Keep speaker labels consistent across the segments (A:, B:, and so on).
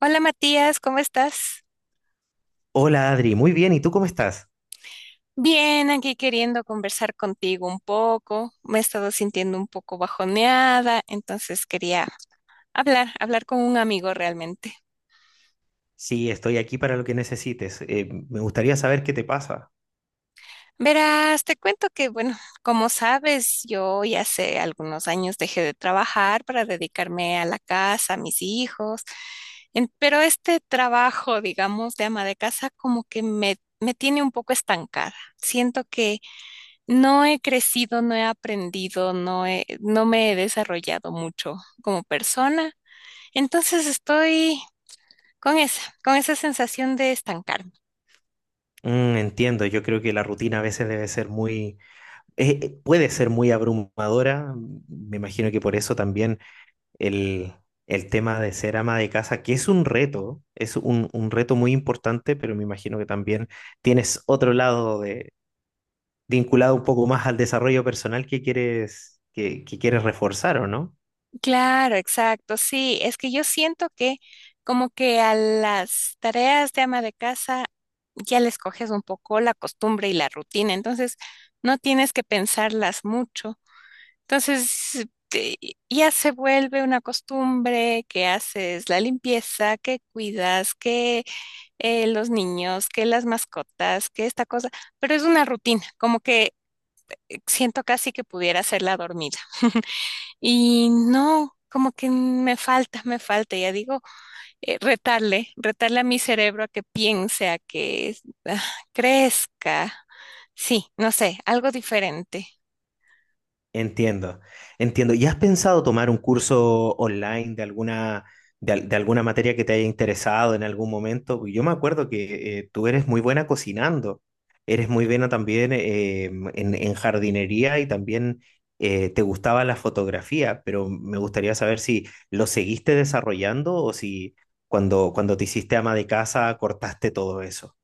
A: Hola Matías, ¿cómo estás?
B: Hola Adri, muy bien, ¿y tú cómo estás?
A: Bien, aquí queriendo conversar contigo un poco. Me he estado sintiendo un poco bajoneada, entonces quería hablar con un amigo realmente.
B: Sí, estoy aquí para lo que necesites. Me gustaría saber qué te pasa.
A: Verás, te cuento que, bueno, como sabes, yo ya hace algunos años dejé de trabajar para dedicarme a la casa, a mis hijos, pero este trabajo, digamos, de ama de casa, como que me tiene un poco estancada. Siento que no he crecido, no he aprendido, no me he desarrollado mucho como persona. Entonces estoy con esa sensación de estancarme.
B: Mm, entiendo, yo creo que la rutina a veces debe ser muy, puede ser muy abrumadora. Me imagino que por eso también el, el tema de ser ama de casa, que es un reto, es un reto muy importante, pero me imagino que también tienes otro lado de, vinculado un poco más al desarrollo personal que quieres, que quieres reforzar, ¿o no?
A: Claro, exacto. Sí, es que yo siento que como que a las tareas de ama de casa ya les coges un poco la costumbre y la rutina, entonces no tienes que pensarlas mucho. Entonces, ya se vuelve una costumbre que haces la limpieza, que cuidas, que los niños, que las mascotas, que esta cosa, pero es una rutina, como que siento casi que pudiera hacerla dormida. Y no, como que me falta, ya digo, retarle a mi cerebro a que piense, a que ah, crezca. Sí, no sé, algo diferente.
B: Entiendo, entiendo. ¿Y has pensado tomar un curso online de alguna, de alguna materia que te haya interesado en algún momento? Porque yo me acuerdo que tú eres muy buena cocinando, eres muy buena también en jardinería y también te gustaba la fotografía, pero me gustaría saber si lo seguiste desarrollando o si cuando te hiciste ama de casa cortaste todo eso.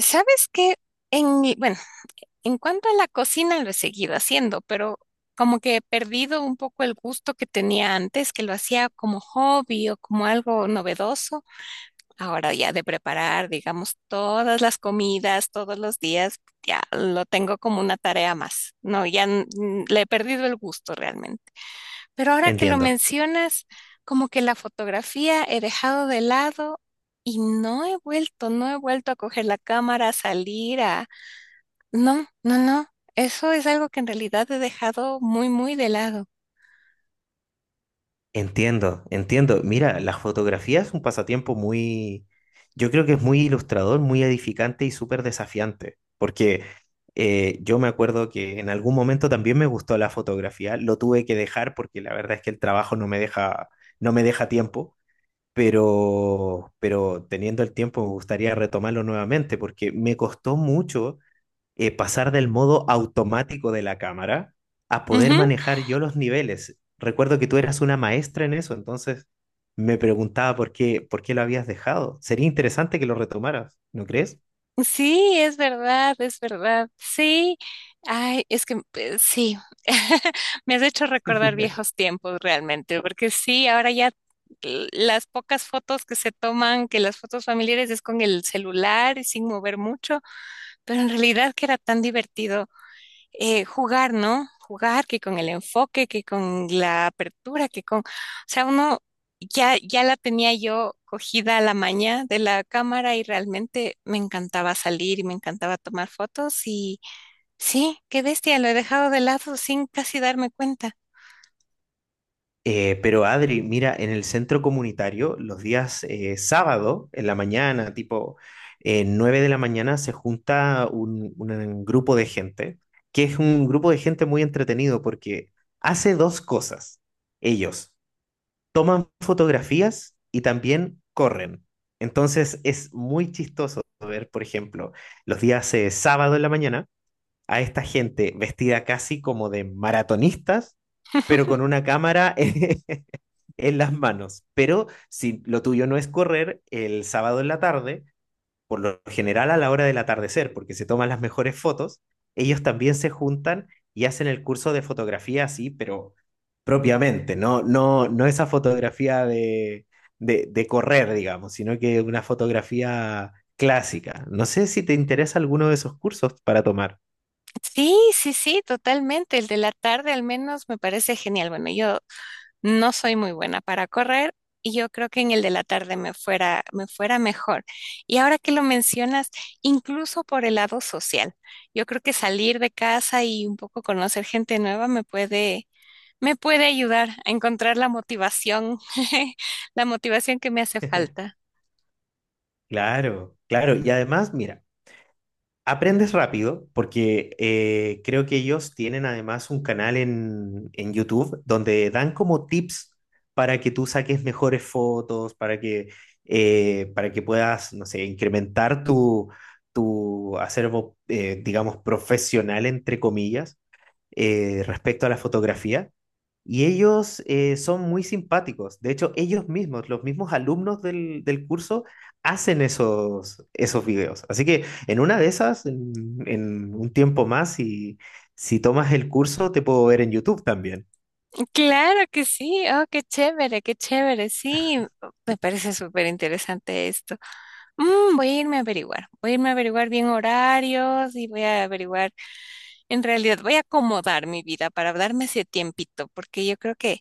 A: ¿Sabes qué? Bueno, en cuanto a la cocina, lo he seguido haciendo, pero como que he perdido un poco el gusto que tenía antes, que lo hacía como hobby o como algo novedoso. Ahora ya de preparar, digamos, todas las comidas, todos los días, ya lo tengo como una tarea más. No, ya le he perdido el gusto realmente. Pero ahora que lo
B: Entiendo.
A: mencionas, como que la fotografía he dejado de lado y no he vuelto a coger la cámara, a salir, a no, no, no. Eso es algo que en realidad he dejado muy, muy de lado.
B: Entiendo, entiendo. Mira, la fotografía es un pasatiempo muy, yo creo que es muy ilustrador, muy edificante y súper desafiante, porque yo me acuerdo que en algún momento también me gustó la fotografía, lo tuve que dejar porque la verdad es que el trabajo no me deja, no me deja tiempo, pero teniendo el tiempo me gustaría retomarlo nuevamente porque me costó mucho pasar del modo automático de la cámara a poder
A: Ujú.
B: manejar yo los niveles. Recuerdo que tú eras una maestra en eso, entonces me preguntaba por qué lo habías dejado. Sería interesante que lo retomaras, ¿no crees?
A: Sí, es verdad, es verdad. Sí. Ay, es que sí. Me has hecho recordar viejos tiempos realmente, porque sí, ahora ya las pocas fotos que se toman, que las fotos familiares es con el celular y sin mover mucho, pero en realidad que era tan divertido. Jugar, ¿no? Jugar que con el enfoque, que con la apertura, que con, o sea, uno ya la tenía yo cogida a la maña de la cámara y realmente me encantaba salir y me encantaba tomar fotos y sí, qué bestia, lo he dejado de lado sin casi darme cuenta.
B: Pero Adri, mira, en el centro comunitario, los días sábado, en la mañana, tipo 9 de la mañana, se junta un grupo de gente, que es un grupo de gente muy entretenido porque hace dos cosas. Ellos toman fotografías y también corren. Entonces es muy chistoso ver, por ejemplo, los días sábado en la mañana, a esta gente vestida casi como de maratonistas, pero con una cámara en las manos. Pero si lo tuyo no es correr, el sábado en la tarde, por lo general a la hora del atardecer, porque se toman las mejores fotos, ellos también se juntan y hacen el curso de fotografía así, pero propiamente, no esa fotografía de, de correr, digamos, sino que una fotografía clásica. No sé si te interesa alguno de esos cursos para tomar.
A: Sí, sí, sí, totalmente. El de la tarde al menos me parece genial. Bueno, yo no soy muy buena para correr y yo creo que en el de la tarde me fuera mejor. Y ahora que lo mencionas, incluso por el lado social, yo creo que salir de casa y un poco conocer gente nueva me puede ayudar a encontrar la motivación, la motivación que me hace falta.
B: Claro, claro. Y además, mira. Aprendes rápido porque creo que ellos tienen además un canal en YouTube donde dan como tips para que tú saques mejores fotos, para que puedas, no sé, incrementar tu, tu acervo, digamos, profesional, entre comillas, respecto a la fotografía. Y ellos son muy simpáticos. De hecho, ellos mismos, los mismos alumnos del curso, hacen esos, esos videos. Así que en una de esas, en un tiempo más, si, si tomas el curso, te puedo ver en YouTube también.
A: Claro que sí, oh, qué chévere, sí, me parece súper interesante esto. Mm, voy a irme a averiguar, voy a irme a averiguar bien horarios y voy a averiguar. En realidad voy a acomodar mi vida para darme ese tiempito, porque yo creo que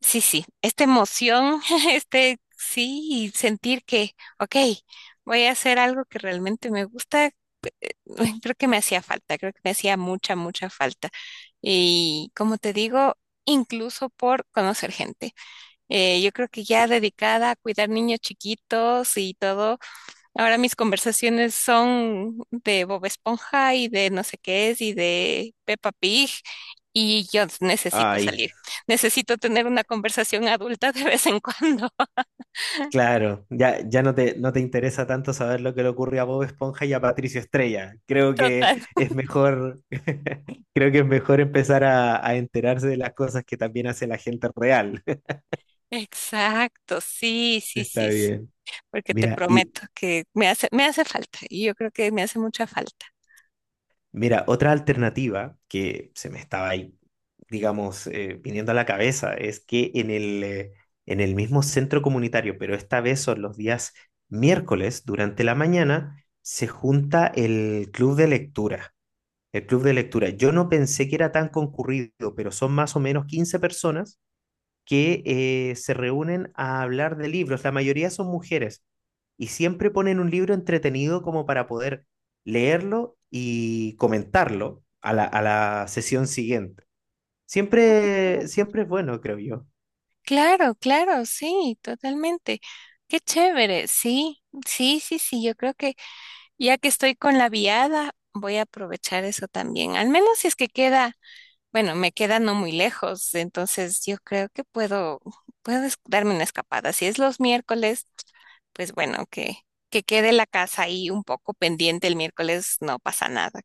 A: sí, sí, esta emoción, este sí, y sentir que, ok, voy a hacer algo que realmente me gusta, creo que me hacía falta, creo que me hacía mucha, mucha falta. Y como te digo, incluso por conocer gente. Yo creo que ya
B: Sí.
A: dedicada a cuidar niños chiquitos y todo, ahora mis conversaciones son de Bob Esponja y de no sé qué es y de Peppa Pig y yo necesito
B: Ay,
A: salir. Necesito tener una conversación adulta de vez en cuando.
B: claro, ya, ya no te, no te interesa tanto saber lo que le ocurre a Bob Esponja y a Patricio Estrella. Creo que
A: Total.
B: es mejor, creo que es mejor empezar a enterarse de las cosas que también hace la gente real.
A: Exacto, sí, sí,
B: Está
A: sí, sí.
B: bien.
A: Porque te
B: Mira, y,
A: prometo que me hace falta y yo creo que me hace mucha falta.
B: mira, otra alternativa que se me estaba ahí, digamos, viniendo a la cabeza es que en el mismo centro comunitario, pero esta vez son los días miércoles durante la mañana, se junta el club de lectura. El club de lectura. Yo no pensé que era tan concurrido, pero son más o menos 15 personas que se reúnen a hablar de libros. La mayoría son mujeres y siempre ponen un libro entretenido como para poder leerlo y comentarlo a a la sesión siguiente.
A: Ah, qué
B: Siempre,
A: chévere.
B: siempre es bueno, creo yo.
A: Claro, claro, sí, totalmente. Qué chévere, sí, sí, sí, sí, yo creo que ya que estoy con la viada, voy a aprovechar eso también, al menos si es que queda. Bueno, me queda no muy lejos, entonces yo creo que puedo darme una escapada. Si es los miércoles, pues bueno, que quede la casa ahí un poco pendiente el miércoles, no pasa nada.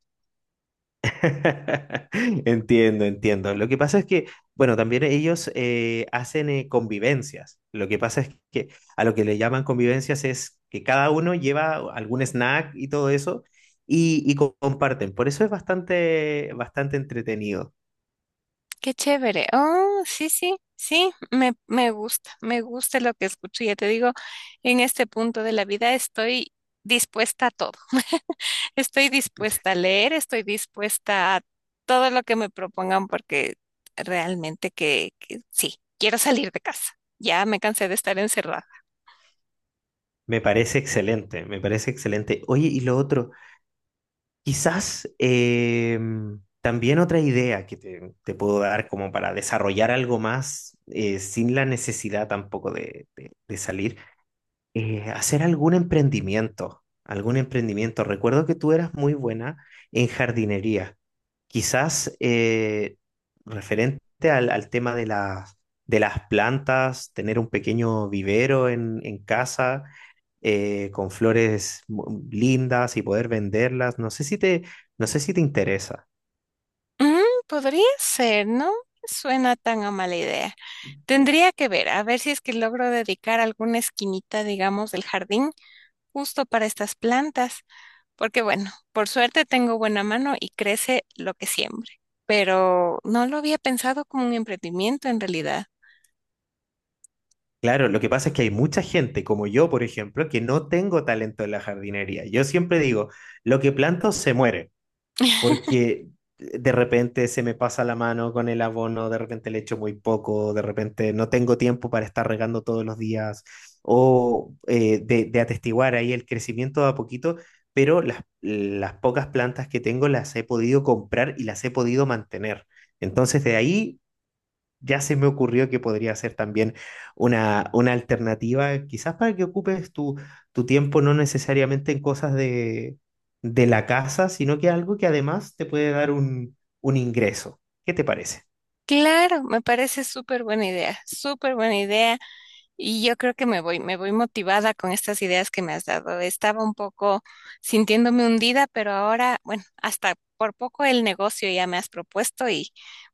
B: Entiendo, entiendo. Lo que pasa es que, bueno, también ellos hacen convivencias. Lo que pasa es que a lo que le llaman convivencias es que cada uno lleva algún snack y todo eso y co- comparten. Por eso es bastante, bastante entretenido.
A: Qué chévere. Oh, sí, sí, sí, me gusta lo que escucho. Ya te digo, en este punto de la vida estoy dispuesta a todo. Estoy dispuesta a leer, estoy dispuesta a todo lo que me propongan porque realmente que sí, quiero salir de casa. Ya me cansé de estar encerrada.
B: Me parece excelente, me parece excelente. Oye, y lo otro, quizás también otra idea que te puedo dar como para desarrollar algo más sin la necesidad tampoco de de salir hacer algún emprendimiento, algún emprendimiento. Recuerdo que tú eras muy buena en jardinería, quizás referente al tema de las plantas, tener un pequeño vivero en casa con flores mu- lindas y poder venderlas. No sé si te, no sé si te interesa.
A: Mm, podría ser, ¿no? Suena tan a mala idea. Tendría que ver, a ver si es que logro dedicar alguna esquinita, digamos, del jardín justo para estas plantas, porque bueno, por suerte tengo buena mano y crece lo que siembre, pero no lo había pensado como un emprendimiento en realidad.
B: Claro, lo que pasa es que hay mucha gente, como yo, por ejemplo, que no tengo talento en la jardinería. Yo siempre digo, lo que planto se muere. Porque de repente se me pasa la mano con el abono, de repente le echo muy poco, de repente no tengo tiempo para estar regando todos los días, o de atestiguar ahí el crecimiento de a poquito, pero las pocas plantas que tengo las he podido comprar y las he podido mantener. Entonces de ahí ya se me ocurrió que podría ser también una alternativa, quizás para que ocupes tu, tu tiempo no necesariamente en cosas de la casa, sino que algo que además te puede dar un ingreso. ¿Qué te parece?
A: Claro, me parece súper buena idea, súper buena idea. Y yo creo que me voy motivada con estas ideas que me has dado. Estaba un poco sintiéndome hundida, pero ahora, bueno, hasta por poco el negocio ya me has propuesto y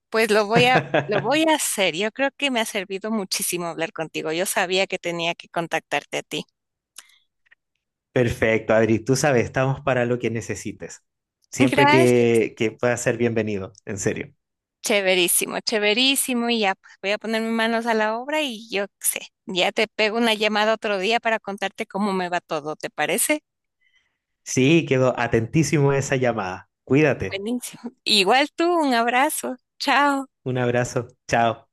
A: pues lo voy a hacer. Yo creo que me ha servido muchísimo hablar contigo. Yo sabía que tenía que contactarte a ti.
B: Perfecto, Adri, tú sabes, estamos para lo que necesites. Siempre
A: Gracias.
B: que puedas ser bienvenido, en serio.
A: Chéverísimo, chéverísimo. Y ya pues, voy a poner mis manos a la obra y yo qué sé, ya te pego una llamada otro día para contarte cómo me va todo, ¿te parece?
B: Sí, quedo atentísimo a esa llamada. Cuídate.
A: Buenísimo. Igual tú, un abrazo. Chao.
B: Un abrazo. Chao.